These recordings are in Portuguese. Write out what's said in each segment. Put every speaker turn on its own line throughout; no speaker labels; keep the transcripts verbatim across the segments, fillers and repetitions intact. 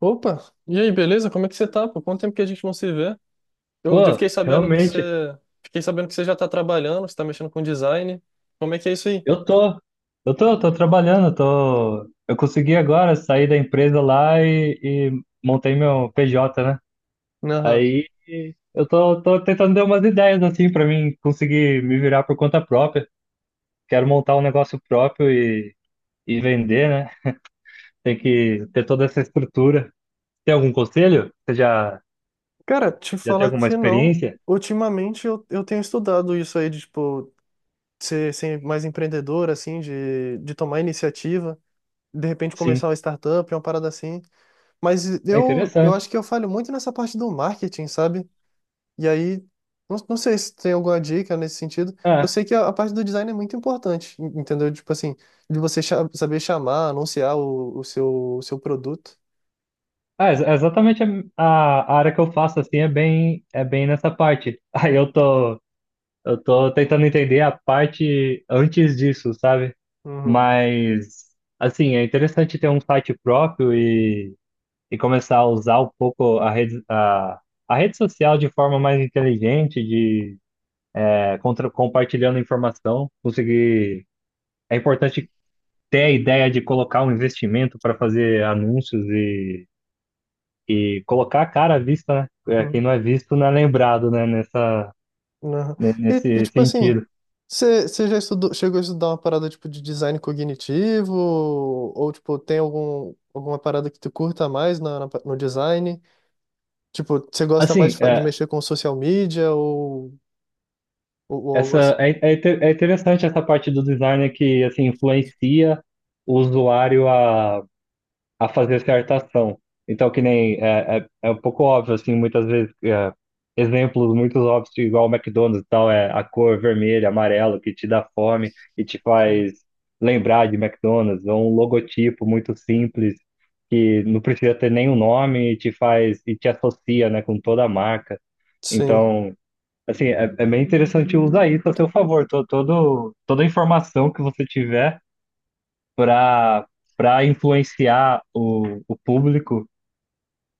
Opa, e aí, beleza? Como é que você tá? Por quanto tempo que a gente não se vê? Eu, eu
Pô,
fiquei sabendo que você,
realmente,
fiquei sabendo que você já tá trabalhando, você tá mexendo com design. Como é que é isso aí?
eu tô, eu tô, tô trabalhando. Tô, eu consegui agora sair da empresa lá e, e montei meu P J, né?
Aham.
Aí eu tô, tô tentando dar umas ideias assim pra mim conseguir me virar por conta própria. Quero montar um negócio próprio e, e vender, né? Tem que ter toda essa estrutura. Tem algum conselho? Você já,
Cara, te
já tem
falar
alguma
que não.
experiência?
Ultimamente eu, eu tenho estudado isso aí de, tipo, ser, ser mais empreendedor, assim, de, de tomar iniciativa, de repente começar
Sim,
uma startup, uma parada assim. Mas
é
eu, eu
interessante.
acho que eu falho muito nessa parte do marketing, sabe? E aí, não, não sei se tem alguma dica nesse sentido. Eu
Ah,
sei que a, a parte do design é muito importante, en- entendeu? Tipo assim, de você cha- saber chamar, anunciar o, o seu, o seu produto.
É, ex- exatamente a, a a área que eu faço assim é bem é bem nessa parte. Aí eu tô eu tô tentando entender a parte antes disso, sabe?
Uhum,
Mas assim, é interessante ter um site próprio e, e começar a usar um pouco a rede a, a rede social de forma mais inteligente, de é, contra, compartilhando informação, conseguir. É importante ter a ideia de colocar um investimento para fazer anúncios e colocar a cara à vista, né? É, quem
uhum,
não é visto não é lembrado, né? Nessa,
uhum.
ne-
E, e,
nesse
tipo assim,
sentido.
você você já estudou, chegou a estudar uma parada tipo de design cognitivo? Ou tipo, tem algum, alguma parada que tu curta mais na, na pa- no design? Tipo, você gosta mais
Assim,
de, fa- de
é,
mexer com social media ou, ou, ou algo
essa,
assim?
é, é inte- é interessante essa parte do design que, assim, influencia o usuário a a fazer certa ação. Então, que nem é, é, é um pouco óbvio, assim, muitas vezes, é, exemplos muito óbvios, igual o McDonald's e tal, é a cor vermelha, amarelo, que te dá fome e te
Sim.
faz lembrar de McDonald's, ou um logotipo muito simples, que não precisa ter nenhum nome e te faz, e te associa, né, com toda a marca.
Sim.
Então, assim, é, é bem interessante usar isso a seu favor, to, todo, toda a informação que você tiver para para influenciar o, o público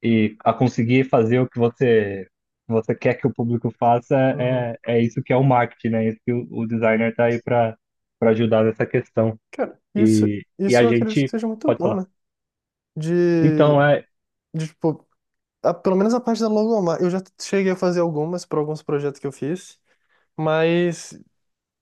e a conseguir fazer o que você você quer que o público faça.
Uhum.
É, é isso que é o marketing, né? É isso que o, o designer está aí para para ajudar nessa questão.
Cara, isso,
E, e
isso
a
eu acredito que
gente
seja muito
pode
bom,
falar.
né? De,
Então é,
de tipo, a- pelo menos a parte da logomarca. Eu já cheguei a fazer algumas para alguns projetos que eu fiz, mas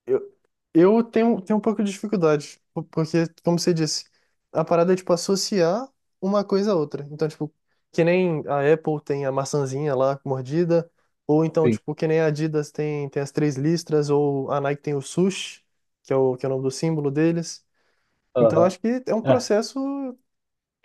eu, eu tenho, tenho um pouco de dificuldade, po- porque, como você disse, a parada é, tipo, associar uma coisa a outra. Então, tipo, que nem a Apple tem a maçãzinha lá mordida, ou então,
sim,
tipo, que nem a Adidas tem, tem as três listras, ou a Nike tem o swoosh, que é o, que é o nome do símbolo deles. Então,
aham.
acho que é um
É.
processo.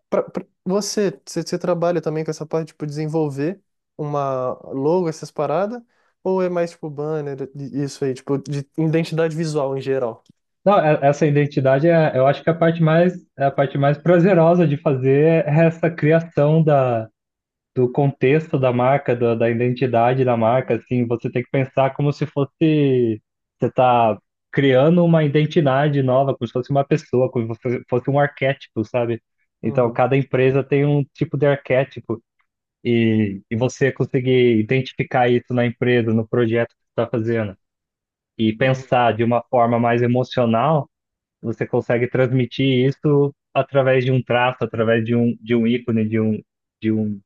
pra- pra- você, você, você trabalha também com essa parte, tipo, desenvolver uma logo, essas paradas? Ou é mais, tipo, banner, e- isso aí, tipo, de identidade visual em geral?
Não, é- essa identidade é, eu acho que é a parte mais é a parte mais prazerosa de fazer. É essa criação da do contexto da marca, da da identidade da marca. Assim, você tem que pensar como se fosse. Você tá criando uma identidade nova, como se fosse uma pessoa, como se fosse fosse um arquétipo, sabe? Então,
Uhum,
cada empresa tem um tipo de arquétipo e, e você conseguir identificar isso na empresa, no projeto que você está fazendo, e
uhum,
pensar de uma forma mais emocional. Você consegue transmitir isso através de um traço, através de um, de um ícone, de um, de um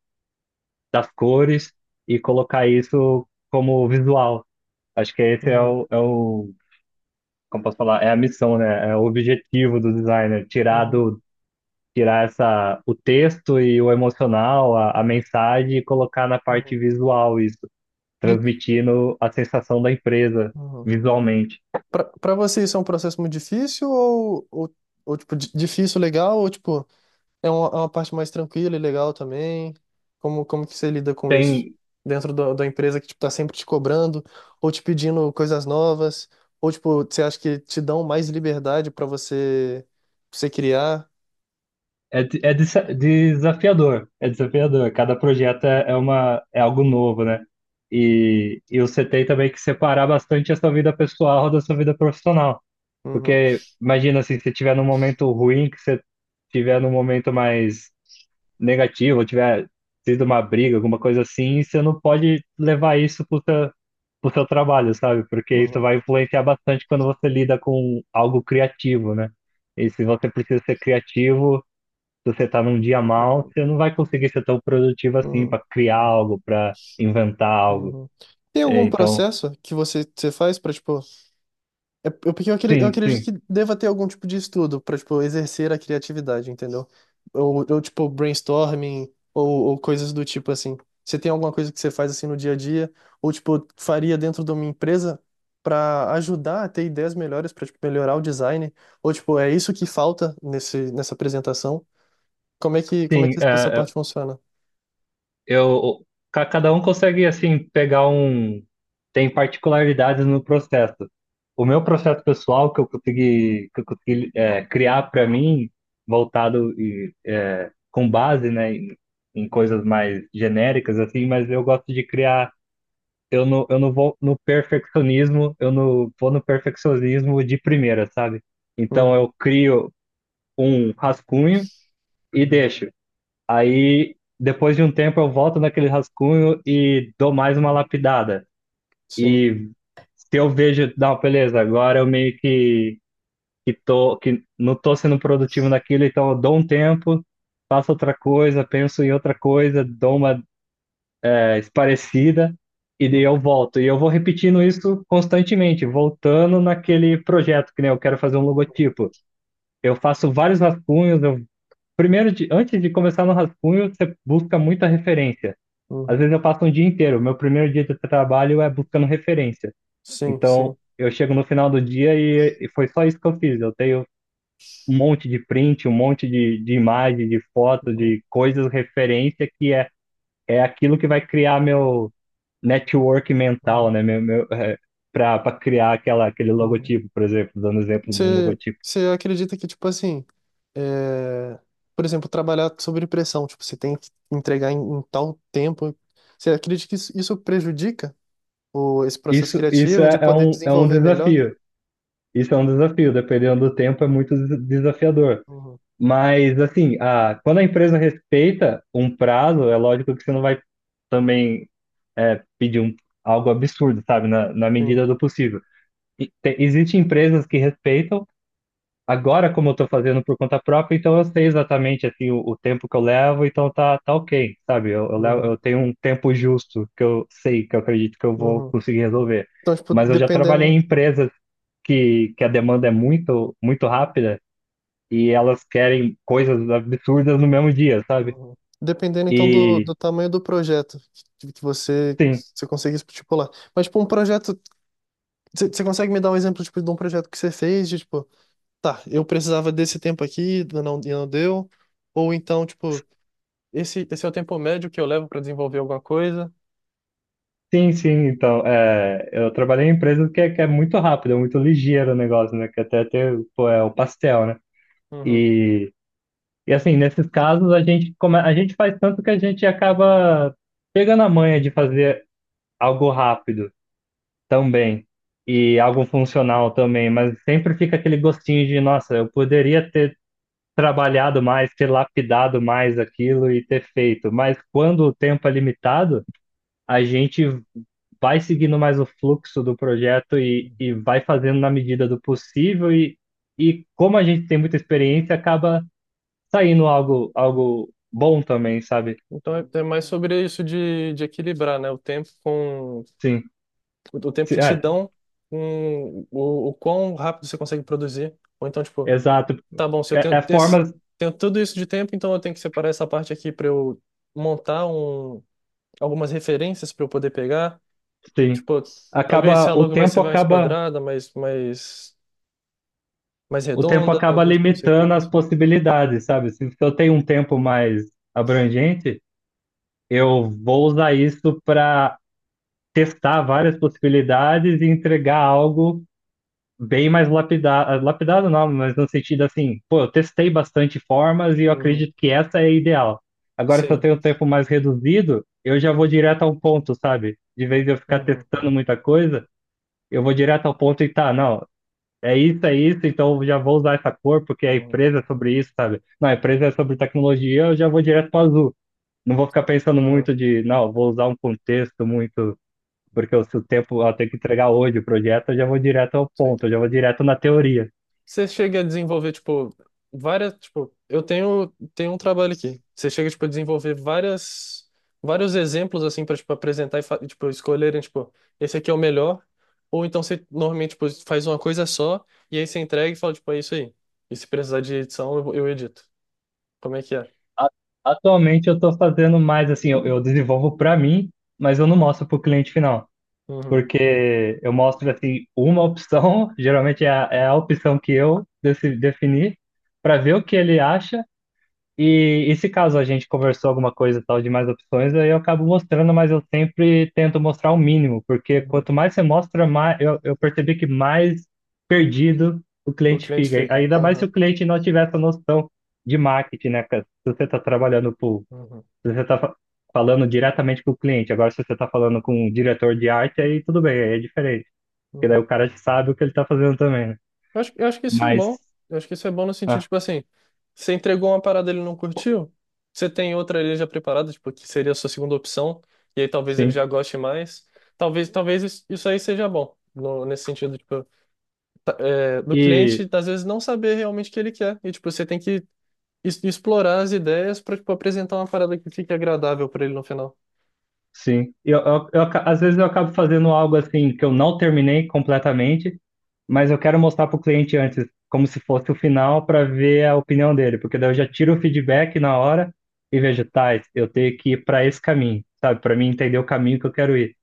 das cores, e colocar isso como visual. Acho que esse é
uhum,
o, é o, como posso falar, é a missão, né? É o objetivo do designer, tirar
uhum,
do, tirar essa, o texto e o emocional, a, a mensagem, e colocar na parte
uhum.
visual isso,
De,
transmitindo a sensação da empresa
uhum.
visualmente.
Pra, pra você isso é um processo muito difícil ou, ou, ou tipo, di- difícil, legal, ou, tipo... É uma, é uma parte mais tranquila e legal também. Como, como que você lida com isso?
Tem,
Dentro da da empresa que, tipo, tá sempre te cobrando, ou te pedindo coisas novas, ou, tipo, você acha que te dão mais liberdade para você, pra você criar?
É, de- é desa- desafiador, é desafiador. Cada projeto é, é uma, é algo novo, né? E, e você tem também que separar bastante a sua vida pessoal da sua vida profissional.
Uhum,
Porque imagina assim, se você estiver num momento ruim, que você estiver num momento mais negativo, ou tiver sido uma briga, alguma coisa assim, você não pode levar isso pro seu, pro seu trabalho, sabe? Porque isso
uhum,
vai influenciar bastante quando você lida com algo criativo, né? E se você precisa ser criativo, se você tá num dia mal,
uhum,
você não vai conseguir ser tão produtivo assim
uhum,
para criar algo, para inventar algo.
uhum. Tem
É,
algum
Então,
processo que você, você faz para, É eu- porque eu acre- eu
sim,
acredito
sim,
que deva ter algum tipo de estudo pra, tipo, exercer a criatividade, entendeu? Ou, ou tipo, brainstorming, ou, ou coisas do tipo assim. Você tem alguma coisa que você faz assim no dia a dia, ou tipo, faria dentro de uma empresa pra ajudar a ter ideias melhores, pra tipo, melhorar o design, ou tipo, é isso que falta nesse, nessa apresentação? Como é que, como é
sim.
que
é,
essa
é,
parte funciona?
eu, ca- Cada um consegue assim pegar um, tem particularidades no processo. O meu processo pessoal que eu consegui, que eu consegui é, criar para mim, voltado e é, com base, né, em, em coisas mais genéricas assim. Mas eu gosto de criar. Eu não, eu não vou no perfeccionismo, eu não vou no perfeccionismo de primeira, sabe? Então
Uhum,
eu crio um rascunho e deixo. Aí depois de um tempo eu volto naquele rascunho e dou mais uma lapidada.
sim.
E se eu vejo, não, beleza, agora eu meio que, que tô, que não tô sendo produtivo naquilo, então eu dou um tempo, faço outra coisa, penso em outra coisa, dou uma parecida, e daí
Uhum,
eu volto. E eu vou repetindo isso constantemente, voltando naquele projeto, que nem eu quero fazer um logotipo. Eu faço vários rascunhos. Eu, primeiro, de, antes de começar no rascunho, você busca muita referência.
uhum,
Às vezes eu passo um dia inteiro. Meu primeiro dia de trabalho é buscando referência.
sim,
Então,
sim.
eu chego no final do dia e, e foi só isso que eu fiz. Eu tenho um monte de print, um monte de, de imagem, de foto,
Uhum,
de coisas, referência, que é é aquilo que vai criar meu network mental,
uhum,
né? Meu, meu, é, para para criar aquela, aquele
uhum.
logotipo, por exemplo, dando exemplo de um
Você,
logotipo.
você acredita que, tipo assim, é, por exemplo, trabalhar sobre pressão, tipo, você tem que entregar em, em tal tempo. Você acredita que isso, isso prejudica o, esse processo
Isso, isso
criativo de
é, é
poder
um, é um
desenvolver melhor?
desafio. Isso é um desafio, dependendo do tempo, é muito des- desafiador.
Uhum,
Mas, assim, a, quando a empresa respeita um prazo, é lógico que você não vai também é, pedir um, algo absurdo, sabe? Na, na
sim.
medida do possível. E te- Existem empresas que respeitam. Agora, como eu tô fazendo por conta própria, então eu sei exatamente assim o, o tempo que eu levo, então tá, tá ok, sabe? Eu, eu, levo-
Uhum,
eu tenho um tempo justo que eu sei, que eu acredito que eu vou
uhum.
conseguir resolver.
Então, tipo,
Mas eu já trabalhei em
dependendo,
empresas que, que a demanda é muito, muito rápida e elas querem coisas absurdas no mesmo dia, sabe?
uhum. Dependendo, então, do,
E
do tamanho do projeto que, que você,
sim,
você consegue estipular. Mas, tipo, um projeto, você você consegue me dar um exemplo, tipo, de um projeto que você fez, de, tipo, tá, eu precisava desse tempo aqui, não, e não deu. Ou então, tipo, esse, esse é o tempo médio que eu levo para desenvolver alguma coisa.
sim, sim. Então, é, eu trabalhei em empresas que, é- que é muito rápido, é muito ligeiro o negócio, né? Que até tem, pô, é o pastel, né?
Uhum.
E E assim, nesses casos, a gente, come... a gente faz tanto que a gente acaba pegando a manha de fazer algo rápido também, e algo funcional também. Mas sempre fica aquele gostinho de, nossa, eu poderia ter trabalhado mais, ter lapidado mais aquilo e ter feito, mas quando o tempo é limitado, a gente vai seguindo mais o fluxo do projeto e, e vai fazendo na medida do possível, e, e como a gente tem muita experiência, acaba saindo algo, algo bom também, sabe?
Então é, é mais sobre isso de, de equilibrar, né? O tempo com
Sim,
o tempo que
sim,
te
é,
dão com o, o quão rápido você consegue produzir. Ou então, tipo,
exato.
tá bom, se eu
É,
tenho,
é
esse,
formas,
tenho tudo isso de tempo, então eu tenho que separar essa parte aqui para eu montar um, algumas referências para eu poder pegar.
sim.
Tipo, talvez se
Acaba,
a
o
logo vai ser
tempo
mais
acaba,
quadrada, mais, mais mais
o tempo
redonda,
acaba
não, não sei como
limitando as
funciona.
possibilidades, sabe? Se se eu tenho um tempo mais abrangente, eu vou usar isso para testar várias possibilidades e entregar algo bem mais lapidado, lapidado não, mas no sentido assim, pô, eu testei bastante formas e eu
Uhum.
acredito que essa é a ideal. Agora, se eu
Sim.
tenho um tempo mais reduzido, eu já vou direto ao ponto, sabe? De vez de eu ficar
Uhum.
testando muita coisa, eu vou direto ao ponto e tá, não, é isso, é isso, então eu já vou usar essa cor porque a
Uhum.
empresa é sobre isso, sabe? Não, a empresa é sobre tecnologia, eu já vou direto para azul. Não vou ficar pensando
Aham.
muito de, não, vou usar um contexto muito, porque se o tempo, eu
Uhum.
tenho que entregar hoje o projeto, eu já vou direto ao
Sim.
ponto, eu já vou direto na teoria.
Você chega a desenvolver, tipo, várias, tipo, eu tenho, tenho um trabalho aqui. Você chega, tipo, a desenvolver várias, vários exemplos, assim, para, tipo, apresentar e, fa- e, tipo, escolherem, tipo, esse aqui é o melhor. Ou então você, normalmente, tipo, faz uma coisa só e aí você entrega e fala, tipo, é isso aí. E se precisar de edição, eu, eu edito. Como é que é?
a- Atualmente eu estou fazendo mais assim, eu, eu desenvolvo para mim, mas eu não mostro para o cliente final,
Uhum.
porque eu mostro assim uma opção, geralmente é a, é a opção que eu deci- defini, para ver o que ele acha, e, e se caso a gente conversou alguma coisa e tal de mais opções, aí eu acabo mostrando. Mas eu sempre tento mostrar o mínimo, porque
Uhum.
quanto mais você mostra, mais eu, eu percebi que mais perdido o
O
cliente
cliente
fica.
fica.
Ainda mais se
Aham.
o cliente não tiver essa noção de marketing, né, cara? Se você está trabalhando pro,
Uhum.
se você está falando diretamente com o cliente, agora se você está falando com um diretor de arte, aí tudo bem, aí é diferente, porque daí
Uhum.
o cara sabe o que ele está fazendo também, né?
Eu acho, eu acho que isso é
Mas,
bom. Eu acho que isso é bom no sentido,
ah,
tipo assim, você entregou uma parada e ele não curtiu, você tem outra ali já preparada, tipo, que seria a sua segunda opção, e aí talvez ele já
sim.
goste mais. Talvez, talvez isso isso aí seja bom, no- nesse sentido, tipo, tá- é, do
E
cliente, às vezes, não saber realmente o que ele quer. E, tipo, você tem que es- explorar as ideias pra, tipo, apresentar uma parada que fique agradável pra ele no final.
Sim, eu, eu, eu aca- às vezes eu acabo fazendo algo assim que eu não terminei completamente, mas eu quero mostrar para o cliente antes, como se fosse o final, para ver a opinião dele, porque daí eu já tiro o feedback na hora e vejo, tá, eu tenho que ir para esse caminho, sabe, para mim entender o caminho que eu quero ir.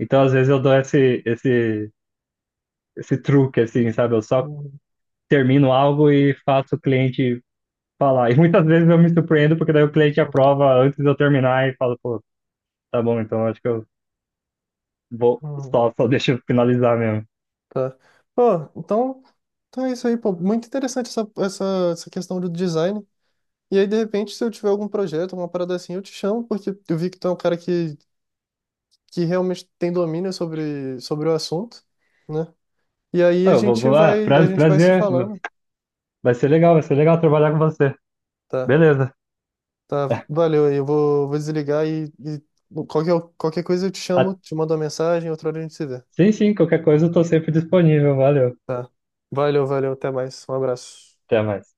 Então, às vezes eu dou esse, esse, esse truque, assim, sabe, eu só
Uhum,
termino algo e faço o cliente falar. E muitas vezes eu me surpreendo, porque daí o cliente
uhum,
aprova antes de eu terminar e fala, pô, tá bom, então acho que eu vou,
uhum.
só, só deixa eu finalizar mesmo.
Tá. Pô, então, então é isso aí, pô. Muito interessante essa, essa, essa questão do design. E aí, de repente, se eu tiver algum projeto, uma parada assim, eu te chamo, porque eu vi que tu é um cara que, que realmente tem domínio sobre, sobre o assunto, né? E aí a
Eu vou,
gente
vou, ah,
vai, a
pra-
gente vai se
Prazer.
falando.
Vai ser legal, vai ser legal trabalhar com você.
Tá,
Beleza.
tá, valeu aí. Eu vou, vou desligar e, e qualquer, qualquer coisa eu te chamo,
Ah,
te mando uma mensagem, outra hora a gente se vê.
sim, sim, qualquer coisa eu tô sempre disponível. Valeu.
Tá. Valeu, valeu, até mais. Um abraço.
Até mais.